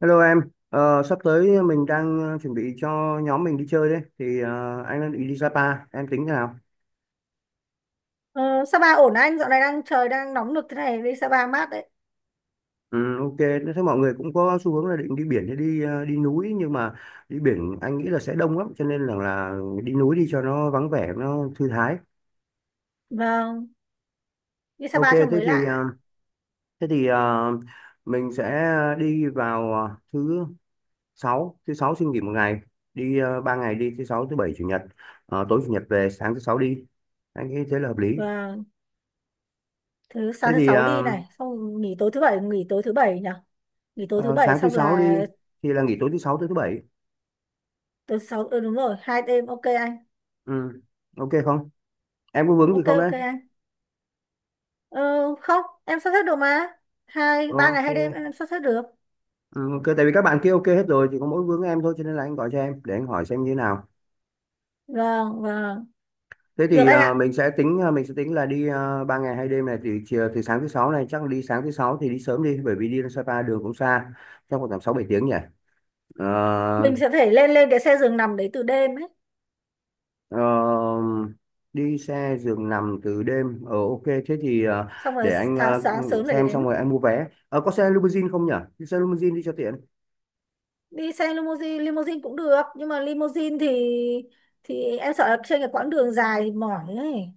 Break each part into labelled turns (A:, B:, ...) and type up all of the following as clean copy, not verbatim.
A: Hello em. Sắp tới mình đang chuẩn bị cho nhóm mình đi chơi đấy, thì anh đang định đi Sapa, em tính thế nào?
B: Ờ, Sapa ổn anh, dạo này trời đang nóng nực thế này, đi Sapa mát đấy.
A: Ừ, ok, thế mọi người cũng có xu hướng là định đi biển hay đi đi núi, nhưng mà đi biển anh nghĩ là sẽ đông lắm, cho nên là đi núi đi cho nó vắng vẻ, nó thư thái.
B: Vâng, đi
A: Ok,
B: Sapa cho
A: thế
B: mới
A: thì ờ,
B: lạ.
A: thế thì ờ, mình sẽ đi vào thứ sáu xin nghỉ một ngày, đi 3 ngày đi, thứ sáu, thứ bảy, chủ nhật. Tối chủ nhật về, sáng thứ sáu đi. Anh nghĩ thế là hợp lý.
B: Vâng, thứ
A: Thế
B: sáng thứ
A: thì
B: sáu
A: ờ,
B: đi này, xong nghỉ tối thứ bảy, nghỉ tối thứ bảy nhỉ? Nghỉ tối thứ
A: Ờ,
B: bảy
A: sáng thứ
B: xong
A: sáu đi
B: là
A: thì là nghỉ tối thứ sáu tới thứ bảy.
B: tối thứ sáu, ừ, đúng rồi, hai đêm, ok anh.
A: Ừ. Ok không, em có vướng gì
B: Ok
A: không đấy?
B: ok anh. Ờ, Không, em sắp xếp được mà. Hai, ba ngày hai đêm
A: Ok.
B: em sắp xếp được.
A: Ừ, ok, tại vì các bạn kia ok hết rồi, chỉ có mỗi vướng em thôi, cho nên là anh gọi cho em để anh hỏi xem như thế nào.
B: Vâng, vâng.
A: thế
B: Được
A: thì
B: anh
A: ờ,
B: ạ.
A: mình sẽ tính là đi 3 ngày 2 đêm này, thì chiều từ sáng thứ sáu này chắc là đi, sáng thứ sáu thì đi sớm đi, bởi vì đi ra Sapa đường cũng xa, chắc khoảng tầm sáu bảy tiếng nhỉ? Ờ,
B: Mình sẽ phải lên lên cái xe giường nằm đấy từ đêm ấy.
A: Ờ, Đi xe giường nằm từ đêm, ok. Thế thì
B: Xong rồi
A: để anh
B: sáng sáng sớm lại
A: xem, xong
B: đến.
A: rồi anh mua vé. Ờ, có xe limousine không nhỉ? Đi xe limousine đi cho tiện.
B: Đi xe limousine, limousine cũng được. Nhưng mà limousine thì em sợ là trên cái quãng đường dài thì mỏi ấy.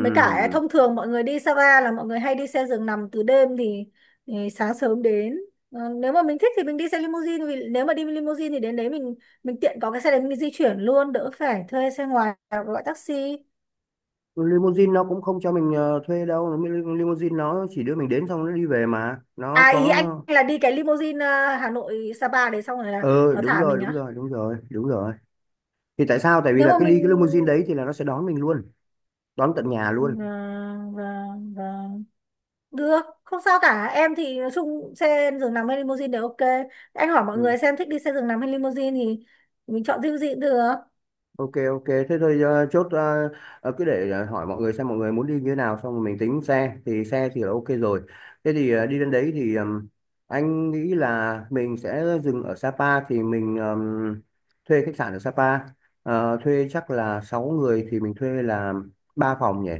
B: Mới cả à, thông thường mọi người đi Sapa là mọi người hay đi xe giường nằm từ đêm thì sáng sớm đến. Ờ, nếu mà mình thích thì mình đi xe limousine, vì nếu mà đi limousine thì đến đấy mình tiện có cái xe đấy mình di chuyển luôn đỡ phải thuê xe ngoài hoặc gọi taxi.
A: Limousine nó cũng không cho mình thuê đâu. Limousine nó chỉ đưa mình đến xong nó đi về, mà nó
B: À, ý
A: có.
B: anh là đi cái limousine Hà Nội Sapa đấy xong rồi là
A: Ờ
B: nó
A: Đúng
B: thả
A: rồi,
B: mình
A: đúng
B: á.
A: rồi, đúng rồi, đúng rồi. Thì tại sao, tại vì
B: Nếu
A: là
B: mà
A: cái
B: mình
A: đi cái limousine đấy thì là nó sẽ đón mình luôn, đón tận nhà
B: ờ,
A: luôn.
B: vâng vâng vâng, được, không sao cả. Em thì nói chung xe giường nằm hay limousine đều ok. Anh hỏi mọi người xem thích đi xe giường nằm hay limousine thì mình chọn riêng gì cũng được.
A: Ok, ok, thế thôi. Ờ, Chốt. Ờ, Cứ để hỏi mọi người xem mọi người muốn đi như thế nào, xong rồi mình tính xe, thì xe thì là ok rồi. Thế thì đi đến đấy thì anh nghĩ là mình sẽ dừng ở Sapa, thì mình thuê khách sạn ở Sapa. Thuê chắc là 6 người thì mình thuê là ba phòng nhỉ?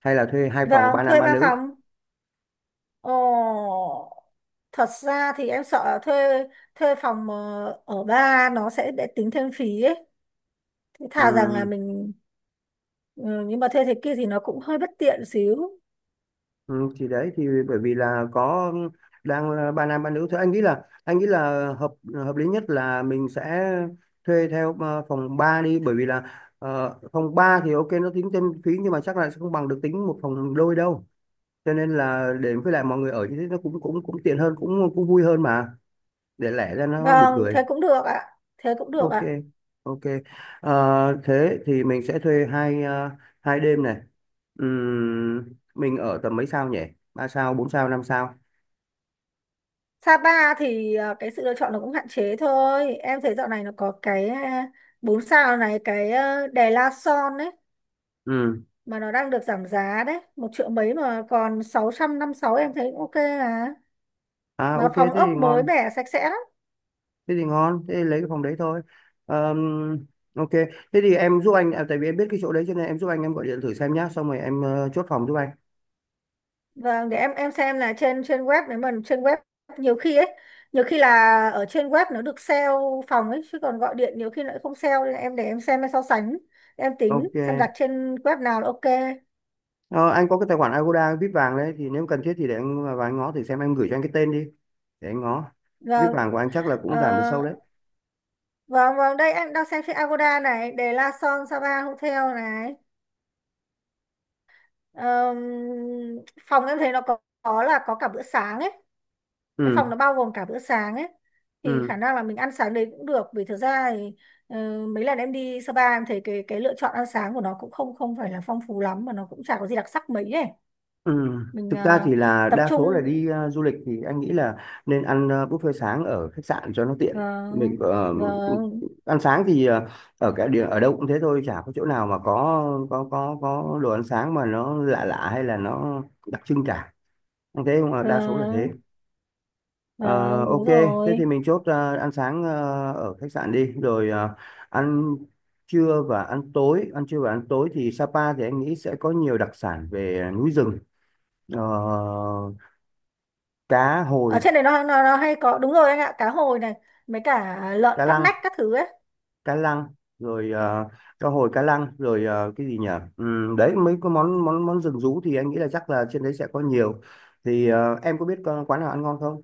A: Hay là thuê hai phòng,
B: Vâng,
A: ba nam
B: thuê
A: ba
B: ba
A: nữ?
B: phòng. Ồ, thật ra thì em sợ là thuê thuê phòng ở ba nó sẽ để tính thêm phí ấy. Thế thà rằng là mình ừ, nhưng mà thuê thế kia thì nó cũng hơi bất tiện xíu.
A: Ừ, thì đấy thì bởi vì là có, đang là ba nam ba nữ thôi, anh nghĩ là hợp hợp lý nhất là mình sẽ thuê theo phòng 3 đi, bởi vì là phòng 3 thì ok nó tính thêm phí, nhưng mà chắc là sẽ không bằng được tính một phòng đôi đâu. Cho nên là để, với lại mọi người ở như thế nó cũng cũng cũng tiện hơn, cũng cũng vui hơn mà, để lẻ ra nó buồn
B: Vâng,
A: cười.
B: thế cũng được ạ. Thế cũng được
A: Ok,
B: ạ.
A: ok. Thế thì mình sẽ thuê hai đêm này. Mình ở tầm mấy sao nhỉ? Ba sao, bốn sao, năm sao?
B: Sapa thì cái sự lựa chọn nó cũng hạn chế thôi. Em thấy dạo này nó có cái bốn sao này, cái Đè La Son đấy,
A: Ừ.
B: mà nó đang được giảm giá đấy, một triệu mấy mà còn sáu trăm năm sáu, em thấy cũng ok à.
A: À,
B: Mà
A: ok thế
B: phòng ốc
A: thì
B: mới
A: ngon.
B: mẻ sạch sẽ lắm.
A: Thế thì ngon, thế thì lấy cái phòng đấy thôi. Ờm, Ok. Thế thì em giúp anh à, tại vì em biết cái chỗ đấy cho nên em giúp anh. Em gọi điện thử xem nhá, xong rồi em chốt phòng giúp anh.
B: Vâng, để em xem là trên trên web. Nếu mà trên web nhiều khi ấy, nhiều khi là ở trên web nó được sale phòng ấy, chứ còn gọi điện nhiều khi nó lại không sale, nên là em để em xem em so sánh, em tính
A: Ok.
B: xem đặt trên web nào là ok.
A: Ờ, Anh có cái tài khoản Agoda VIP vàng đấy. Thì nếu cần thiết thì để anh à, vào anh ngó thử xem. Em gửi cho anh cái tên đi, để anh ngó. VIP
B: Vâng.
A: vàng của anh chắc là
B: Ờ,
A: cũng giảm được sâu đấy.
B: Vâng, vâng, đây em đang xem trên Agoda này, để La Son Sapa Hotel này. Ờm, phòng em thấy nó có là có cả bữa sáng ấy. Cái phòng
A: Ừ.
B: nó bao gồm cả bữa sáng ấy. Thì
A: Ừ.
B: khả năng là mình ăn sáng đấy cũng được. Vì thực ra thì mấy lần em đi Sapa em thấy cái lựa chọn ăn sáng của nó cũng không không phải là phong phú lắm. Mà nó cũng chả có gì đặc sắc mấy ấy.
A: Ừ.
B: Mình
A: Thực ra thì là
B: tập
A: đa
B: trung...
A: số là đi du lịch thì anh nghĩ là nên ăn buffet sáng ở khách sạn cho nó tiện. Mình
B: Vâng, vâng,
A: ăn sáng thì ở cái địa, ở đâu cũng thế thôi, chả có chỗ nào mà có đồ ăn sáng mà nó lạ lạ hay là nó đặc trưng cả. Anh thấy không? Đa số là thế.
B: vâng,
A: Ờ,
B: vâng,
A: ok,
B: đúng
A: thế thì
B: rồi.
A: mình chốt ăn sáng ở khách sạn đi, rồi ăn trưa và ăn tối. Ăn trưa và ăn tối thì Sapa thì anh nghĩ sẽ có nhiều đặc sản về núi rừng. Ờ, Cá
B: Ở
A: hồi,
B: trên đấy nó hay có đúng rồi anh ạ, cá hồi này, mấy cả lợn
A: cá
B: cắp
A: lăng,
B: nách các thứ ấy.
A: cá lăng rồi ờ, cá hồi cá lăng rồi ờ, cái gì nhỉ? Đấy, mấy cái món món món rừng rú thì anh nghĩ là chắc là trên đấy sẽ có nhiều, thì em có biết quán nào ăn ngon không?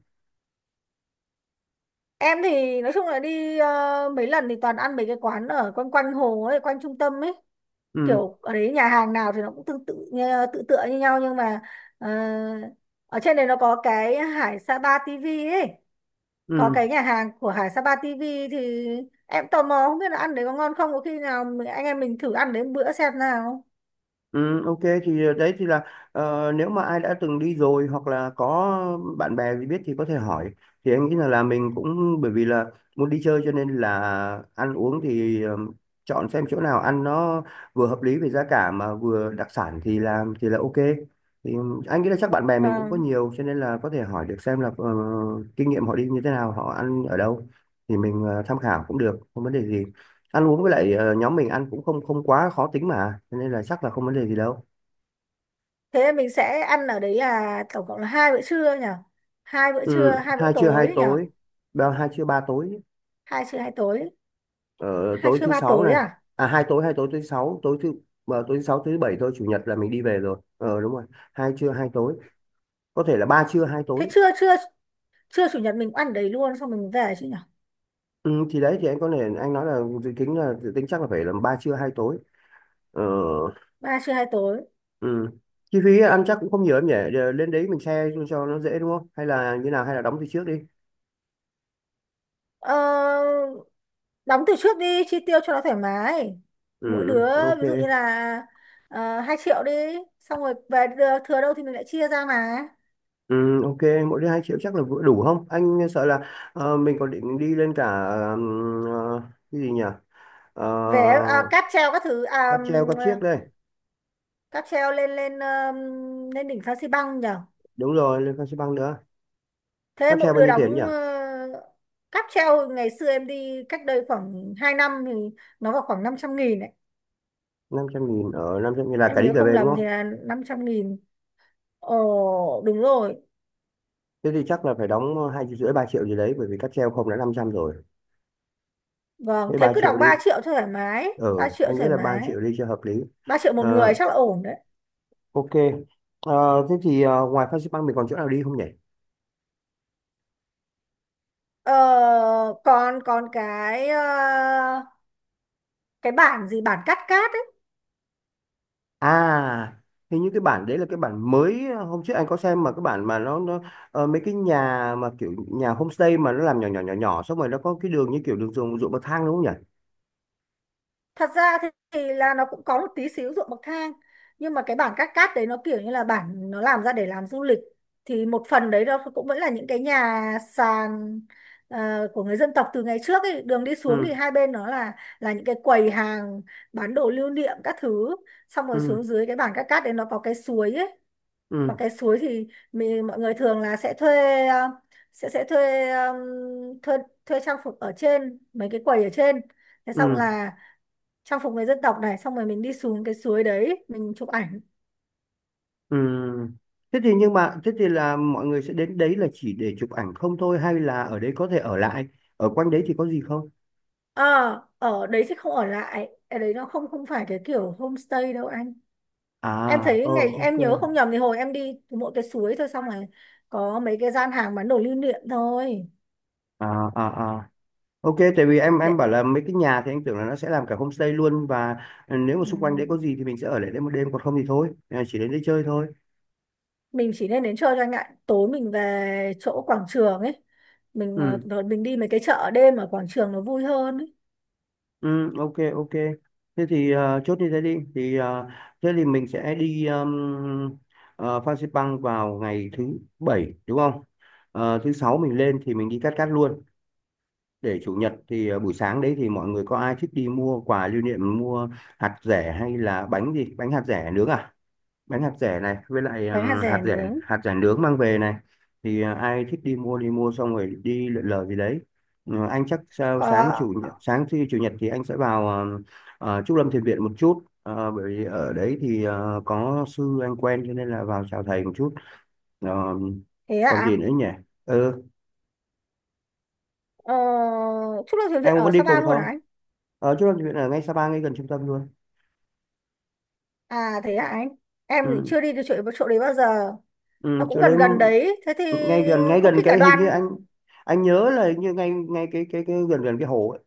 B: Em thì nói chung là đi mấy lần thì toàn ăn mấy cái quán ở quanh quanh hồ ấy, quanh trung tâm ấy,
A: Ừ.
B: kiểu ở đấy nhà hàng nào thì nó cũng tương tự như- tự tựa như nhau, nhưng mà ờ, ở trên đấy nó có cái Hải Sapa TV ấy, có
A: Ừ.
B: cái nhà hàng của Hải Sapa TV, thì em tò mò không biết là ăn đấy có ngon không, có khi nào anh em mình thử ăn đấy một bữa xem nào.
A: Ừ, ok thì đấy thì là nếu mà ai đã từng đi rồi hoặc là có bạn bè gì biết thì có thể hỏi. Thì anh nghĩ là mình cũng, bởi vì là muốn đi chơi cho nên là ăn uống thì chọn xem chỗ nào ăn nó vừa hợp lý về giá cả mà vừa đặc sản thì là ok. Thì anh nghĩ là chắc bạn bè mình cũng có
B: Vâng,
A: nhiều, cho nên là có thể hỏi được xem là kinh nghiệm họ đi như thế nào, họ ăn ở đâu, thì mình tham khảo cũng được, không vấn đề gì. Ăn uống với lại nhóm mình ăn cũng không không quá khó tính mà, cho nên là chắc là không vấn đề gì đâu.
B: thế mình sẽ ăn ở đấy là tổng cộng là hai bữa trưa nhỉ, hai bữa trưa
A: Ừ,
B: hai bữa
A: hai trưa hai
B: tối nhỉ,
A: tối. Ba, hai trưa ba tối.
B: hai trưa hai tối,
A: Ờ,
B: hai
A: Tối
B: trưa
A: thứ
B: ba
A: sáu
B: tối
A: này.
B: à,
A: À, hai tối thứ sáu, tối thứ sáu, thứ bảy thôi, chủ nhật là mình đi về rồi. Ờ Đúng rồi, hai trưa hai tối, có thể là ba trưa hai
B: thế
A: tối.
B: trưa trưa trưa chủ nhật mình ăn ở đấy luôn xong mình về chứ nhỉ,
A: Ừ, thì đấy thì anh có thể, anh nói là dự tính chắc là phải là ba trưa hai tối. ờ,
B: ba trưa hai tối.
A: ừ. Chi phí ăn chắc cũng không nhiều em nhỉ? Lên đấy mình share cho nó dễ đúng không, hay là như nào, hay là đóng từ trước đi.
B: ờ, Đóng từ trước đi chi tiêu cho nó thoải mái,
A: Ừ.
B: mỗi đứa
A: Ừ, ok.
B: ví dụ như là uh, 2 triệu đi, xong rồi thừa đâu thì mình lại chia ra mà.
A: Ừ, ok, mỗi đứa 2 triệu chắc là vừa đủ không? Anh sợ là mình còn định đi lên cả cái gì nhỉ?
B: Về à,
A: Uh,
B: cáp treo các thứ à,
A: Cáp treo, cáp chiếc đây.
B: cáp treo lên lên lên đỉnh Phan Xi Păng nhỉ.
A: Đúng rồi, lên Phan Xi Păng nữa.
B: Thế
A: Cáp treo
B: mỗi
A: bao
B: đứa
A: nhiêu tiền nhỉ?
B: đóng cáp treo ngày xưa em đi cách đây khoảng 2 năm thì nó vào khoảng 500 nghìn ấy.
A: 500.000? Ở, 500.000 là cả
B: Em
A: đi
B: nhớ
A: cả
B: không
A: về đúng
B: lầm thì
A: không?
B: là 500 nghìn. Ồ đúng rồi.
A: Thế thì chắc là phải đóng 2,5 triệu, 3 triệu gì đấy, bởi vì cáp treo không đã 500 rồi.
B: Vâng,
A: Thế
B: thế
A: 3
B: cứ
A: triệu
B: đóng
A: đi.
B: 3 triệu thoải mái. Ba
A: Ừ,
B: triệu
A: anh nghĩ
B: thoải
A: là 3
B: mái.
A: triệu đi cho hợp lý.
B: Ba triệu một người
A: Ờ,
B: chắc là ổn đấy.
A: ok. Thế thì ngoài Phan Xi Păng mình còn chỗ nào đi không nhỉ?
B: Ờ, còn còn cái cái bản gì, bản cắt cát,
A: À, hình như cái bản đấy là cái bản mới, hôm trước anh có xem mà, cái bản mà nó, mấy cái nhà mà kiểu nhà homestay mà nó làm nhỏ nhỏ xong rồi nó có cái đường như kiểu đường ruộng ruộng bậc thang đúng không nhỉ?
B: thật ra thì là nó cũng có một tí xíu ruộng bậc thang, nhưng mà cái bản cát cát đấy nó kiểu như là bản nó làm ra để làm du lịch, thì một phần đấy nó cũng vẫn là những cái nhà sàn của người dân tộc từ ngày trước ấy. Đường đi xuống thì
A: Ừ,
B: hai bên nó là những cái quầy hàng bán đồ lưu niệm các thứ, xong rồi
A: ừ,
B: xuống dưới cái bản cát cát đấy nó có cái suối ấy, và
A: ừ,
B: cái suối thì mình, mọi người thường là sẽ thuê sẽ thuê thuê thuê trang phục ở trên mấy cái quầy ở trên, thế xong
A: ừ,
B: là trang phục người dân tộc này, xong rồi mình đi xuống cái suối đấy mình chụp ảnh.
A: ừ. Thế thì, nhưng mà thế thì là mọi người sẽ đến đấy là chỉ để chụp ảnh không thôi, hay là ở đấy có thể ở lại? Ở quanh đấy thì có gì không?
B: ờ ở đấy thì không ở lại, ở đấy nó không không phải cái kiểu homestay đâu anh.
A: À,
B: Em thấy ngày
A: ok.
B: em nhớ không nhầm thì hồi em đi thì mỗi cái suối thôi, xong rồi có mấy cái gian hàng bán đồ lưu niệm thôi.
A: À, à, à, ok, tại vì em
B: Để
A: em bảo là mấy cái nhà thì anh tưởng là nó sẽ làm cả homestay luôn, và nếu mà xung quanh đấy
B: ừm,
A: có gì thì mình sẽ ở lại đấy một đêm, còn không thì thôi, à, chỉ đến đây chơi thôi.
B: mình chỉ nên đến chơi cho anh ạ, tối mình về chỗ quảng trường ấy, mình
A: Ừ,
B: rồi mình đi mấy cái chợ đêm ở quảng trường nó vui hơn ấy.
A: ừ, ok, ok. Thế thì chốt như thế đi. Thế thì mình sẽ đi Phan Xipang vào ngày thứ bảy đúng không? Thứ sáu mình lên thì mình đi Cát Cát luôn. Để chủ nhật thì buổi sáng đấy thì mọi người có ai thích đi mua quà lưu niệm, mua hạt dẻ hay là bánh gì? Bánh hạt dẻ nướng à? Bánh hạt rẻ này, với lại
B: Bánh hạt
A: hạt
B: dẻ
A: rẻ
B: nướng
A: hạt rẻ nướng mang về này, thì ai thích đi mua xong rồi đi lượn lờ gì đấy. Ừ, anh chắc sao, sáng
B: có.
A: chủ nhật, sáng thứ chủ nhật thì anh sẽ vào Trúc Lâm Thiền Viện một chút. Ờ, Bởi vì ở đấy thì có sư anh quen, cho nên là vào chào thầy một chút. Ờ,
B: Thế ạ?
A: Còn gì
B: À?
A: nữa nhỉ? Ừ,
B: ờ, Chúc lâu thuyền Việt
A: em
B: ở
A: muốn đi
B: Sapa
A: cùng
B: luôn à
A: không?
B: anh?
A: Ở Trúc Lâm Thiền Viện ở ngay Sapa, ngay gần trung tâm luôn.
B: À thế hả anh? Em thì
A: Ừ.
B: chưa đi được chỗ đấy bao giờ. Nó
A: Ừ,
B: cũng
A: chỗ đấy
B: gần gần đấy. Thế thì
A: ngay gần ngay
B: có khi
A: gần
B: cả
A: cái, hình như
B: đoàn.
A: anh nhớ là hình như ngay ngay cái gần gần cái hồ ấy.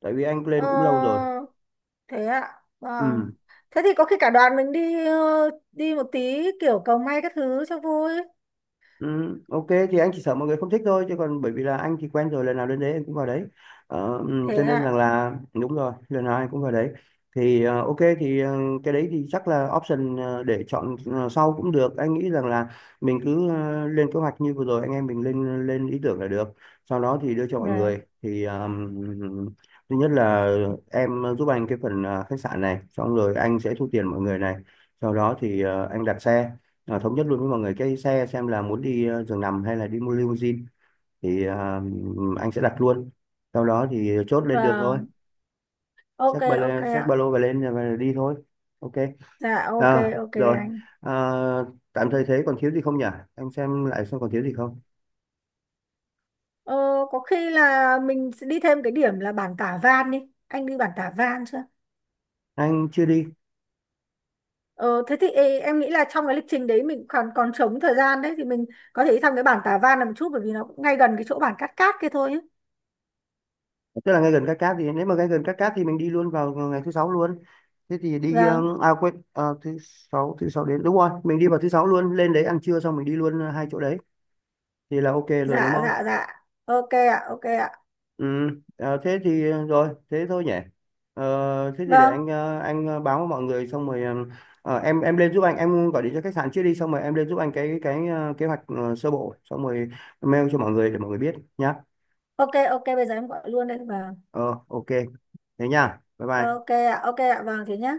A: Tại vì anh
B: Ờ,
A: lên cũng lâu rồi.
B: thế ạ. Vâng.
A: Ừ.
B: Thế thì có khi cả đoàn mình đi đi một tí kiểu cầu may các thứ cho vui.
A: Ừ, ok thì anh chỉ sợ mọi người không thích thôi, chứ còn bởi vì là anh thì quen rồi, lần nào lên đấy anh cũng vào đấy. Ừ, cho
B: Thế
A: nên rằng
B: ạ.
A: là đúng rồi, lần nào anh cũng vào đấy. Thì ok, thì cái đấy thì chắc là option, để chọn sau cũng được, anh nghĩ rằng là mình cứ lên kế hoạch như vừa rồi, anh em mình lên lên ý tưởng là được. Sau đó thì đưa cho mọi
B: Dạ.
A: người, thì thứ nhất là em giúp anh cái phần khách sạn này, xong rồi anh sẽ thu tiền mọi người này. Sau đó thì anh đặt xe, à, thống nhất luôn với mọi người cái xe xem là muốn đi giường nằm hay là đi mua limousine, thì à, anh sẽ đặt luôn, sau đó thì chốt lên đường thôi.
B: Vâng. Ok
A: Xách ba lô,
B: ok
A: xách
B: ạ.
A: ba lô và lên và đi thôi. Ok.
B: Dạ ok
A: À,
B: ok
A: rồi.
B: anh.
A: À, tạm thời thế còn thiếu gì không nhỉ, anh xem lại xem còn thiếu gì không.
B: Ờ, có khi là mình sẽ đi thêm cái điểm là bản Tả Van đi. Anh đi bản Tả Van chưa?
A: Anh chưa đi.
B: Ờ, thế thì ê, em nghĩ là trong cái lịch trình đấy mình còn còn trống thời gian đấy thì mình có thể đi thăm cái bản Tả Văn là một chút, bởi vì nó cũng ngay gần cái chỗ bản Cát Cát kia thôi ấy.
A: Tức là ngay gần Cát Cát thì, nếu mà ngay gần Cát Cát thì mình đi luôn vào ngày thứ sáu luôn. Thế thì đi
B: Vâng,
A: à quên, thứ sáu, thứ sáu đến đúng rồi, mình đi vào thứ sáu luôn, lên đấy ăn trưa xong mình đi luôn hai chỗ đấy thì là ok rồi đúng
B: dạ
A: không?
B: dạ dạ. Ok ạ, ok ạ.
A: Ừ, à, thế thì rồi, thế thôi nhỉ. Thế thì để
B: Vâng,
A: anh báo với mọi người, xong rồi em lên giúp anh, em gọi điện cho khách sạn trước đi, xong rồi em lên giúp anh cái kế hoạch sơ bộ, xong rồi mail cho mọi người để mọi người biết nhá.
B: ok ok bây giờ em gọi luôn đây. Vâng.
A: Ờ ok, thế nha. Bye
B: Ok
A: bye.
B: ạ, ok ạ. Vâng thế nhá.